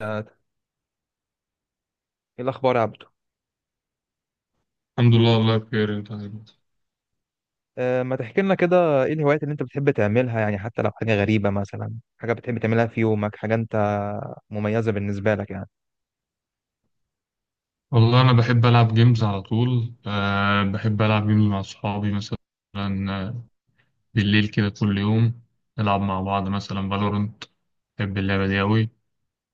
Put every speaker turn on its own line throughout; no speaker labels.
ايه الاخبار يا عبدو؟
الحمد لله، والله بخير. انت عامل ايه؟
ما تحكي لنا كده، ايه الهوايات اللي انت بتحب تعملها يعني، حتى لو حاجه غريبه مثلا، حاجه بتحب تعملها في يومك، حاجه انت مميزه بالنسبه لك يعني؟
والله انا بحب العب جيمز على طول. بحب العب جيمز مع اصحابي مثلا. آه، بالليل كده كل يوم نلعب مع بعض مثلا فالورنت. بحب اللعبه دي قوي.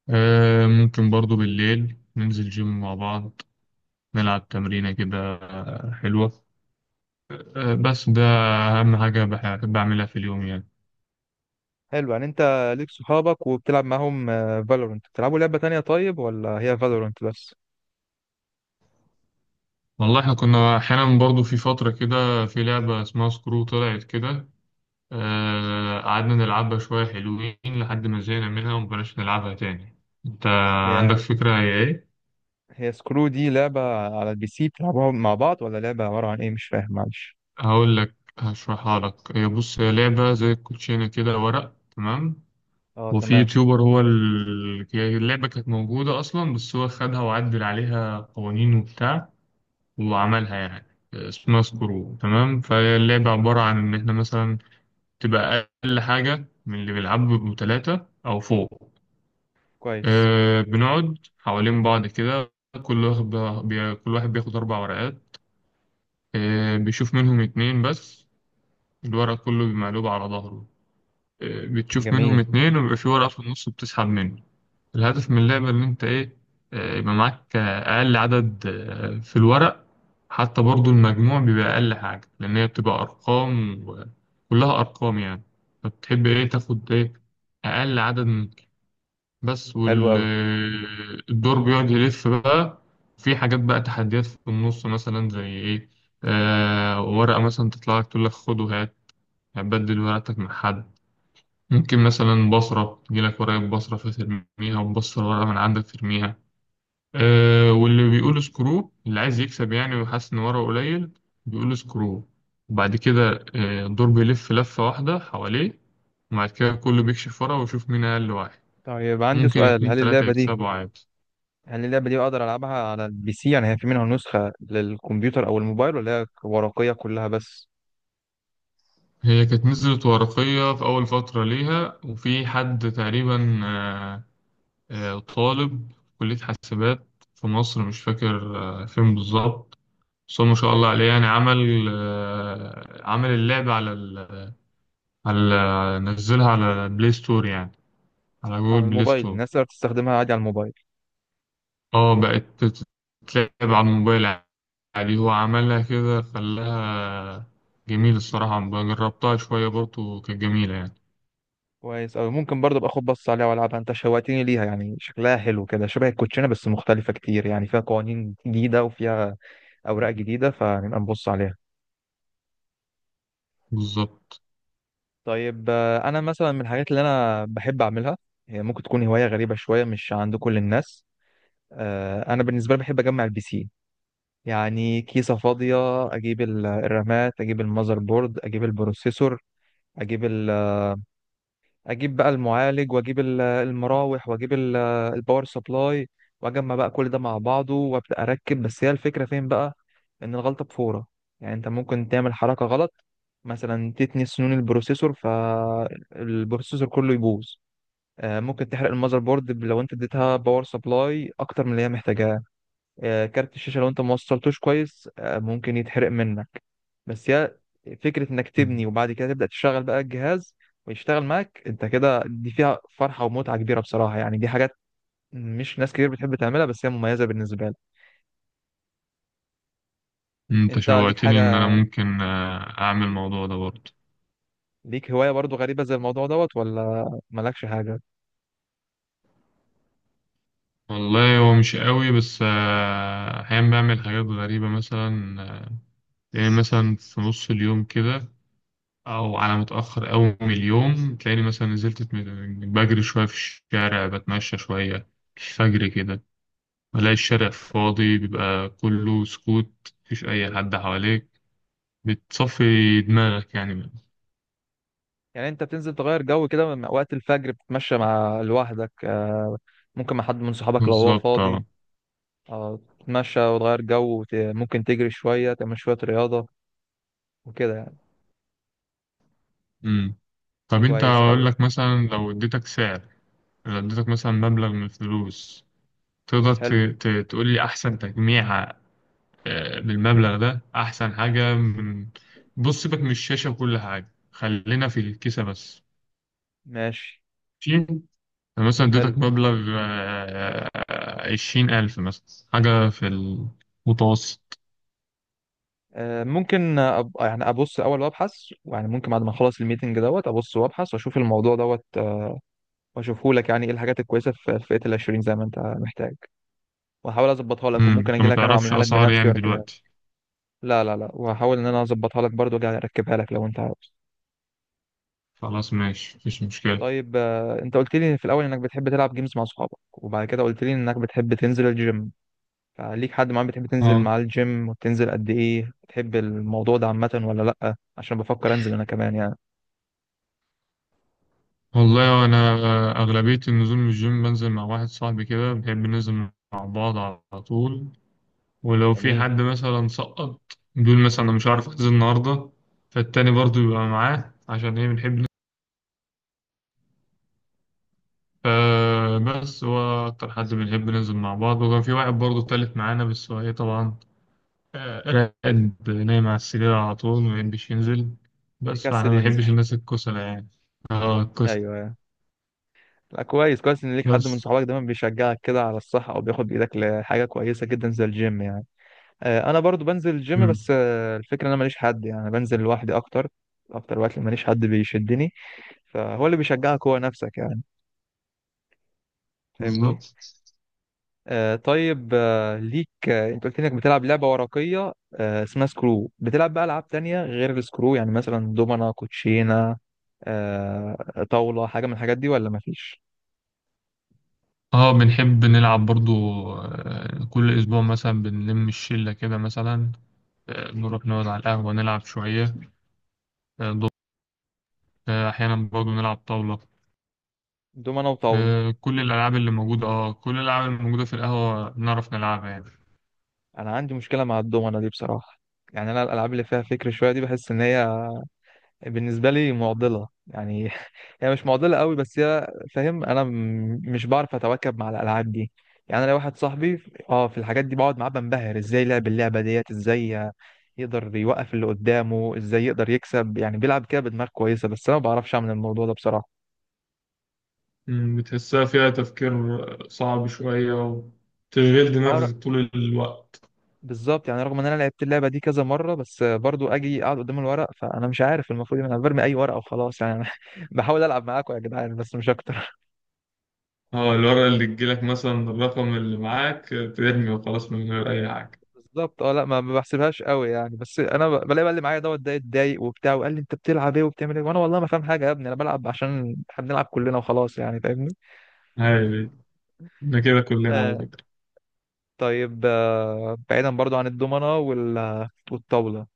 ممكن برضو بالليل ننزل جيم مع بعض، نلعب تمرينه كده حلوه. بس ده اهم حاجه بحب اعملها في اليوم يعني.
حلو. يعني انت ليك صحابك وبتلعب معاهم فالورنت، بتلعبوا لعبه تانية طيب ولا هي فالورنت بس؟
والله احنا كنا احيانا برضو في فتره كده في لعبه اسمها سكرو طلعت كده. قعدنا نلعبها شوية، حلوين، لحد ما زهقنا منها ومبقناش نلعبها تاني. انت عندك
هي
فكرة هي ايه؟
هي سكرو دي لعبه على البي سي بتلعبوها مع بعض، ولا لعبه عباره عن ايه؟ مش فاهم معلش.
هقول لك، هشرحها لك. هي، بص، هي لعبة زي الكوتشينة كده، ورق تمام.
اه
وفي
تمام.
يوتيوبر، هي اللعبة كانت موجودة أصلا، بس هو خدها وعدل عليها قوانين وبتاع وعملها يعني. اسمها سكرو تمام. فهي اللعبة عبارة عن إن إحنا مثلا تبقى أقل حاجة من اللي بيلعبوا بيبقوا تلاتة أو فوق.
كويس.
بنقعد حوالين بعض كده. كل واحد كل واحد بياخد أربع ورقات. بيشوف منهم اتنين بس. الورق كله بمقلوب على ظهره. بتشوف منهم
جميل.
اتنين ويبقى في ورقة في النص بتسحب منه. الهدف من اللعبة إن أنت إيه، يبقى معاك أقل عدد في الورق. حتى برضو المجموع بيبقى أقل حاجة، لأن هي بتبقى أرقام وكلها أرقام يعني. فتحب إيه، تاخد إيه، أقل عدد بس.
حلو قوي.
والدور بيقعد يلف بقى. في حاجات بقى، تحديات في النص، مثلا زي ايه. ورقة مثلا تطلع لك تقول لك خد وهات، هتبدل ورقتك مع حد. ممكن مثلا بصرة تجيلك ورقة بصرة فترميها، وتبصر ورقة من عندك ترميها. واللي بيقول سكرو، اللي عايز يكسب يعني وحاسس إن ورقه قليل، بيقول سكرو. وبعد كده الدور بيلف لفة واحدة حواليه، وبعد كده كله بيكشف ورقة ويشوف مين أقل واحد.
طيب، عندي
ممكن
سؤال،
اتنين
هل
تلاتة
اللعبه دي
يكسبوا عادي.
يعني اللعبة دي بقدر ألعبها على البي سي؟ يعني هي في منها نسخة للكمبيوتر أو الموبايل ولا هي ورقية كلها بس؟
هي كانت نزلت ورقية في أول فترة ليها، وفي حد تقريبا، طالب في كلية حاسبات في مصر، مش فاكر فين بالظبط. بس هو ما شاء الله
كويس.
عليه يعني، عمل اللعبة على ال على نزلها على بلاي ستور يعني، على
على
جوجل بلاي
الموبايل
ستور.
الناس تقدر تستخدمها عادي على الموبايل؟
اه بقت تتلعب على الموبايل عادي. هو عملها كده خلاها جميل الصراحة. جربتها شوية برضه كانت جميلة يعني.
كويس أوي. ممكن برضه أبقى أخد بص عليها وألعبها. أنت شوقتني ليها، يعني شكلها حلو كده شبه الكوتشينة بس مختلفة كتير، يعني فيها قوانين جديدة وفيها أوراق جديدة، فنبقى نبص عليها.
بالظبط.
طيب، أنا مثلا من الحاجات اللي أنا بحب أعملها، هي ممكن تكون هواية غريبة شوية مش عند كل الناس. أنا بالنسبة لي بحب أجمع البي سي، يعني كيسة فاضية أجيب الرامات، أجيب المذر بورد، أجيب البروسيسور، أجيب ال... أجيب بقى المعالج، وأجيب المراوح، وأجيب الباور سبلاي، وأجمع بقى كل ده مع بعضه وأبدأ أركب. بس هي الفكرة فين بقى؟ إن الغلطة بفورة، يعني أنت ممكن تعمل حركة غلط، مثلا تتني سنون البروسيسور فالبروسيسور كله يبوظ. ممكن تحرق المذر بورد لو انت اديتها باور سبلاي اكتر من اللي هي محتاجاه. كارت الشاشه لو انت ما وصلتوش كويس ممكن يتحرق منك. بس هي فكرة انك تبني وبعد كده تبدأ تشتغل بقى الجهاز ويشتغل معاك انت كده، دي فيها فرحة ومتعة كبيرة بصراحة يعني. دي حاجات مش ناس كتير بتحب تعملها، بس هي مميزة بالنسبة لك.
انت
انت ليك
شوقتني ان انا
حاجة؟
ممكن اعمل الموضوع ده برضه.
ليك هواية برضو غريبة زي الموضوع دوت ولا مالكش حاجة؟
والله هو مش قوي، بس احيانا بعمل حاجات غريبة مثلا يعني مثلا في نص اليوم كده، او على متأخر قوي من اليوم، تلاقيني مثلا نزلت بجري شوية في الشارع، بتمشى شوية، الفجر كده. بلاقي الشارع فاضي، بيبقى كله سكوت، مفيش اي حد حواليك، بتصفي دماغك يعني.
يعني انت بتنزل تغير جو كده وقت الفجر، بتتمشى مع لوحدك، ممكن مع حد من صحابك لو هو
بالظبط،
فاضي،
اه.
تتمشى وتغير جو ممكن تجري شوية، تعمل شوية رياضة وكده يعني.
مم. طب انت،
كويس
اقول
أوي.
لك مثلا، لو اديتك سعر، لو اديتك مثلا مبلغ من الفلوس، تقدر
حلو.
تقول لي احسن تجميعة بالمبلغ ده؟ احسن حاجة من، بص، سيبك من الشاشة وكل حاجة، خلينا في الكيسة بس.
ماشي.
ماشي. أنا مثلا
حلو.
اديتك مبلغ 20,000 مثلا، حاجة في المتوسط.
ممكن يعني ابص الاول وابحث، يعني ممكن بعد ما اخلص الميتنج دوت ابص وابحث واشوف الموضوع دوت، واشوفه لك. يعني ايه الحاجات الكويسه في فئه ال 20 زي ما انت محتاج، واحاول اظبطها لك، وممكن
انت
اجي
ما
لك انا
تعرفش
واعملها لك
أسعار
بنفسي
يعني
واركبها لك.
دلوقتي؟
لا لا لا، وهحاول ان انا اظبطها لك برضو واجي اركبها لك لو انت عاوز.
خلاص ماشي، مفيش مشكلة.
طيب، انت قلت لي في الاول انك بتحب تلعب جيمز مع صحابك، وبعد كده قلت لي انك بتحب تنزل الجيم. فليك حد معين بتحب تنزل
اه،
معاه الجيم؟ وتنزل قد ايه؟ بتحب الموضوع ده عامه ولا لا؟ عشان بفكر انزل انا كمان يعني.
والله أنا أغلبية النزول من الجيم بنزل مع واحد صاحبي كده، بنحب ننزل مع بعض على طول. ولو في
جميل.
حد مثلا سقط، بيقول مثلا أنا مش عارف أحجز النهاردة، فالتاني برضو يبقى معاه، عشان إيه، بنحب ننزل. فبس هو أكتر حد بنحب ننزل مع بعض. وكان في واحد برضو تالت معانا، بس هو إيه طبعا آه، راقد نايم على السرير على طول، ما بيحبش ينزل. بس فأنا
بيكسل
ما
ينزل؟
بحبش الناس الكسلة يعني. اه، الكسلة.
ايوه. لا كويس، كويس ان ليك حد من
بس.
صحابك دايما بيشجعك كده على الصحه، او بياخد بايدك لحاجه كويسه جدا زي الجيم يعني. انا برضو بنزل الجيم
مم.
بس الفكره ان انا ماليش حد، يعني بنزل لوحدي اكتر. اكتر وقت ماليش حد بيشدني، فهو اللي بيشجعك هو نفسك يعني. فاهمني؟
بالظبط،
طيب، ليك، انت قلت لي انك بتلعب لعبه ورقيه اسمها سكرو. بتلعب بقى العاب تانية غير السكرو؟ يعني مثلا دومنا، كوتشينه، طاوله، حاجه من الحاجات دي ولا مفيش؟
اه. بنحب نلعب برضو. كل أسبوع مثلا بنلم الشلة كده مثلا، نروح نقعد على القهوة نلعب شوية. آه، أحيانا برضه نلعب طاولة.
دومنا وطاوله.
كل الألعاب اللي موجودة، في القهوة، نعرف نلعبها يعني.
انا عندي مشكله مع الدومنه دي بصراحه. يعني انا الالعاب اللي فيها فكر شويه دي بحس ان هي بالنسبه لي معضله يعني. هي مش معضله قوي بس هي، فاهم، انا مش بعرف اتواكب مع الالعاب دي. يعني انا لو واحد صاحبي اه في الحاجات دي بقعد معاه بنبهر، ازاي لعب اللعبه ديت، ازاي يقدر يوقف اللي قدامه، ازاي يقدر يكسب، يعني بيلعب كده بدماغ كويسه، بس انا ما بعرفش اعمل الموضوع ده بصراحه.
بتحسها فيها تفكير صعب شوية وتشغيل
اه
دماغك طول الوقت.
بالظبط، يعني رغم ان انا لعبت اللعبه دي كذا مره، بس برضو اجي اقعد قدام الورق فانا مش عارف المفروض انا برمي اي ورقه وخلاص يعني. بحاول العب معاكم يا جدعان بس مش اكتر.
اه، الورقة اللي تجيلك مثلا، الرقم اللي معاك ترمي وخلاص، من غير أي حاجة.
بالظبط اه. لا، ما ما بحسبهاش قوي يعني، بس انا بلاقي بقى اللي معايا دوت ده اتضايق وبتاع، وقال لي انت بتلعب ايه وبتعمل ايه، وانا والله ما فاهم حاجه يا ابني. انا بلعب عشان احنا بنلعب كلنا وخلاص يعني. فاهمني؟
هاي دي، احنا كده كلنا على
آه
فكرة.
طيب، بعيدا برضو عن الضمنه والطاوله،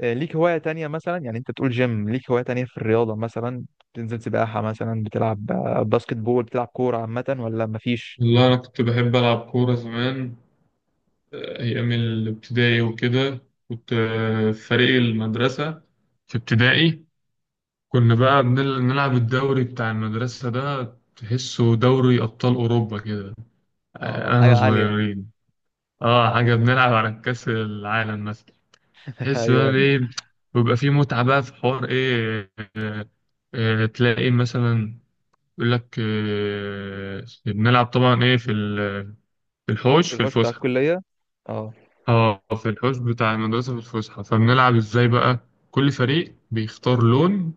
ليك هواية تانية مثلا؟ يعني انت تقول جيم، ليك هواية تانية في الرياضة مثلا؟ بتنزل سباحة مثلا، بتلعب باسكت بول، بتلعب كورة عامة، ولا مفيش؟
والله أنا كنت بحب ألعب كورة زمان، أيام الابتدائي وكده. كنت في فريق المدرسة في ابتدائي. كنا بقى بنلعب الدوري بتاع المدرسة ده، تحسه دوري أبطال أوروبا كده.
اه
أنا
حاجة عالية.
صغيرين. اه، حاجة، بنلعب على كأس العالم مثلا. تحس
ايوه
بقى
ايوه.
بإيه، بيبقى فيه متعة بقى في حوار إيه. تلاقي مثلا يقول لك بنلعب طبعا إيه في في الحوش،
في
في
الحوش بتاع
الفسحة.
الكلية. اه.
اه، في الحوش بتاع المدرسة في الفسحة، فبنلعب إزاي بقى. كل فريق بيختار لون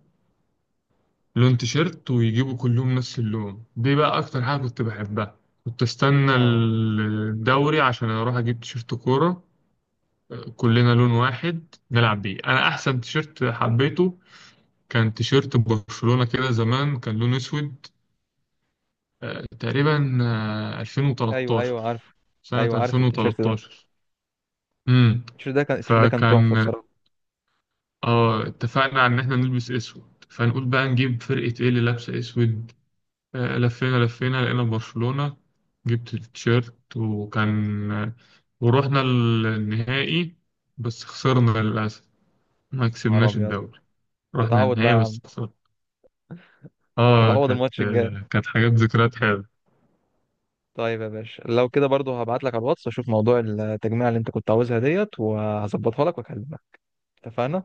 لون تيشيرت، ويجيبوا كلهم نفس اللون. دي بقى اكتر حاجة كنت بحبها. كنت استنى
اه
الدوري عشان اروح اجيب تيشيرت كورة، كلنا لون واحد نلعب بيه. انا احسن تيشيرت حبيته كان تيشيرت برشلونة كده زمان، كان لون اسود تقريبا،
ايوه
2013.
ايوه عارف.
سنة
ايوه عارف التيشيرت ده.
2013. امم
التيشيرت ده كان، التيشيرت ده كان تحفة
فكان
بصراحة.
اه اتفقنا على ان احنا نلبس اسود، فنقول بقى نجيب فرقة ايه اللي لابسة اسود. لفينا لقينا برشلونة، جبت التيشيرت. وكان ورحنا النهائي، بس خسرنا للأسف، ما
يا نهار
كسبناش
ابيض.
الدوري. رحنا
تتعود بقى
النهائي
يا عم.
بس خسرنا. اه،
تتعود الماتش الجاي.
كانت حاجات، ذكريات حلوة.
طيب يا باشا، لو كده برضو هبعت لك على الواتس، اشوف موضوع التجميع اللي انت كنت عاوزها ديت، وهظبطها لك واكلمك. اتفقنا؟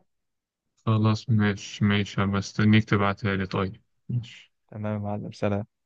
خلاص ماشي ماشي، هبقى استنيك تبعتها لي طيب. ماشي.
تمام يا معلم، سلام.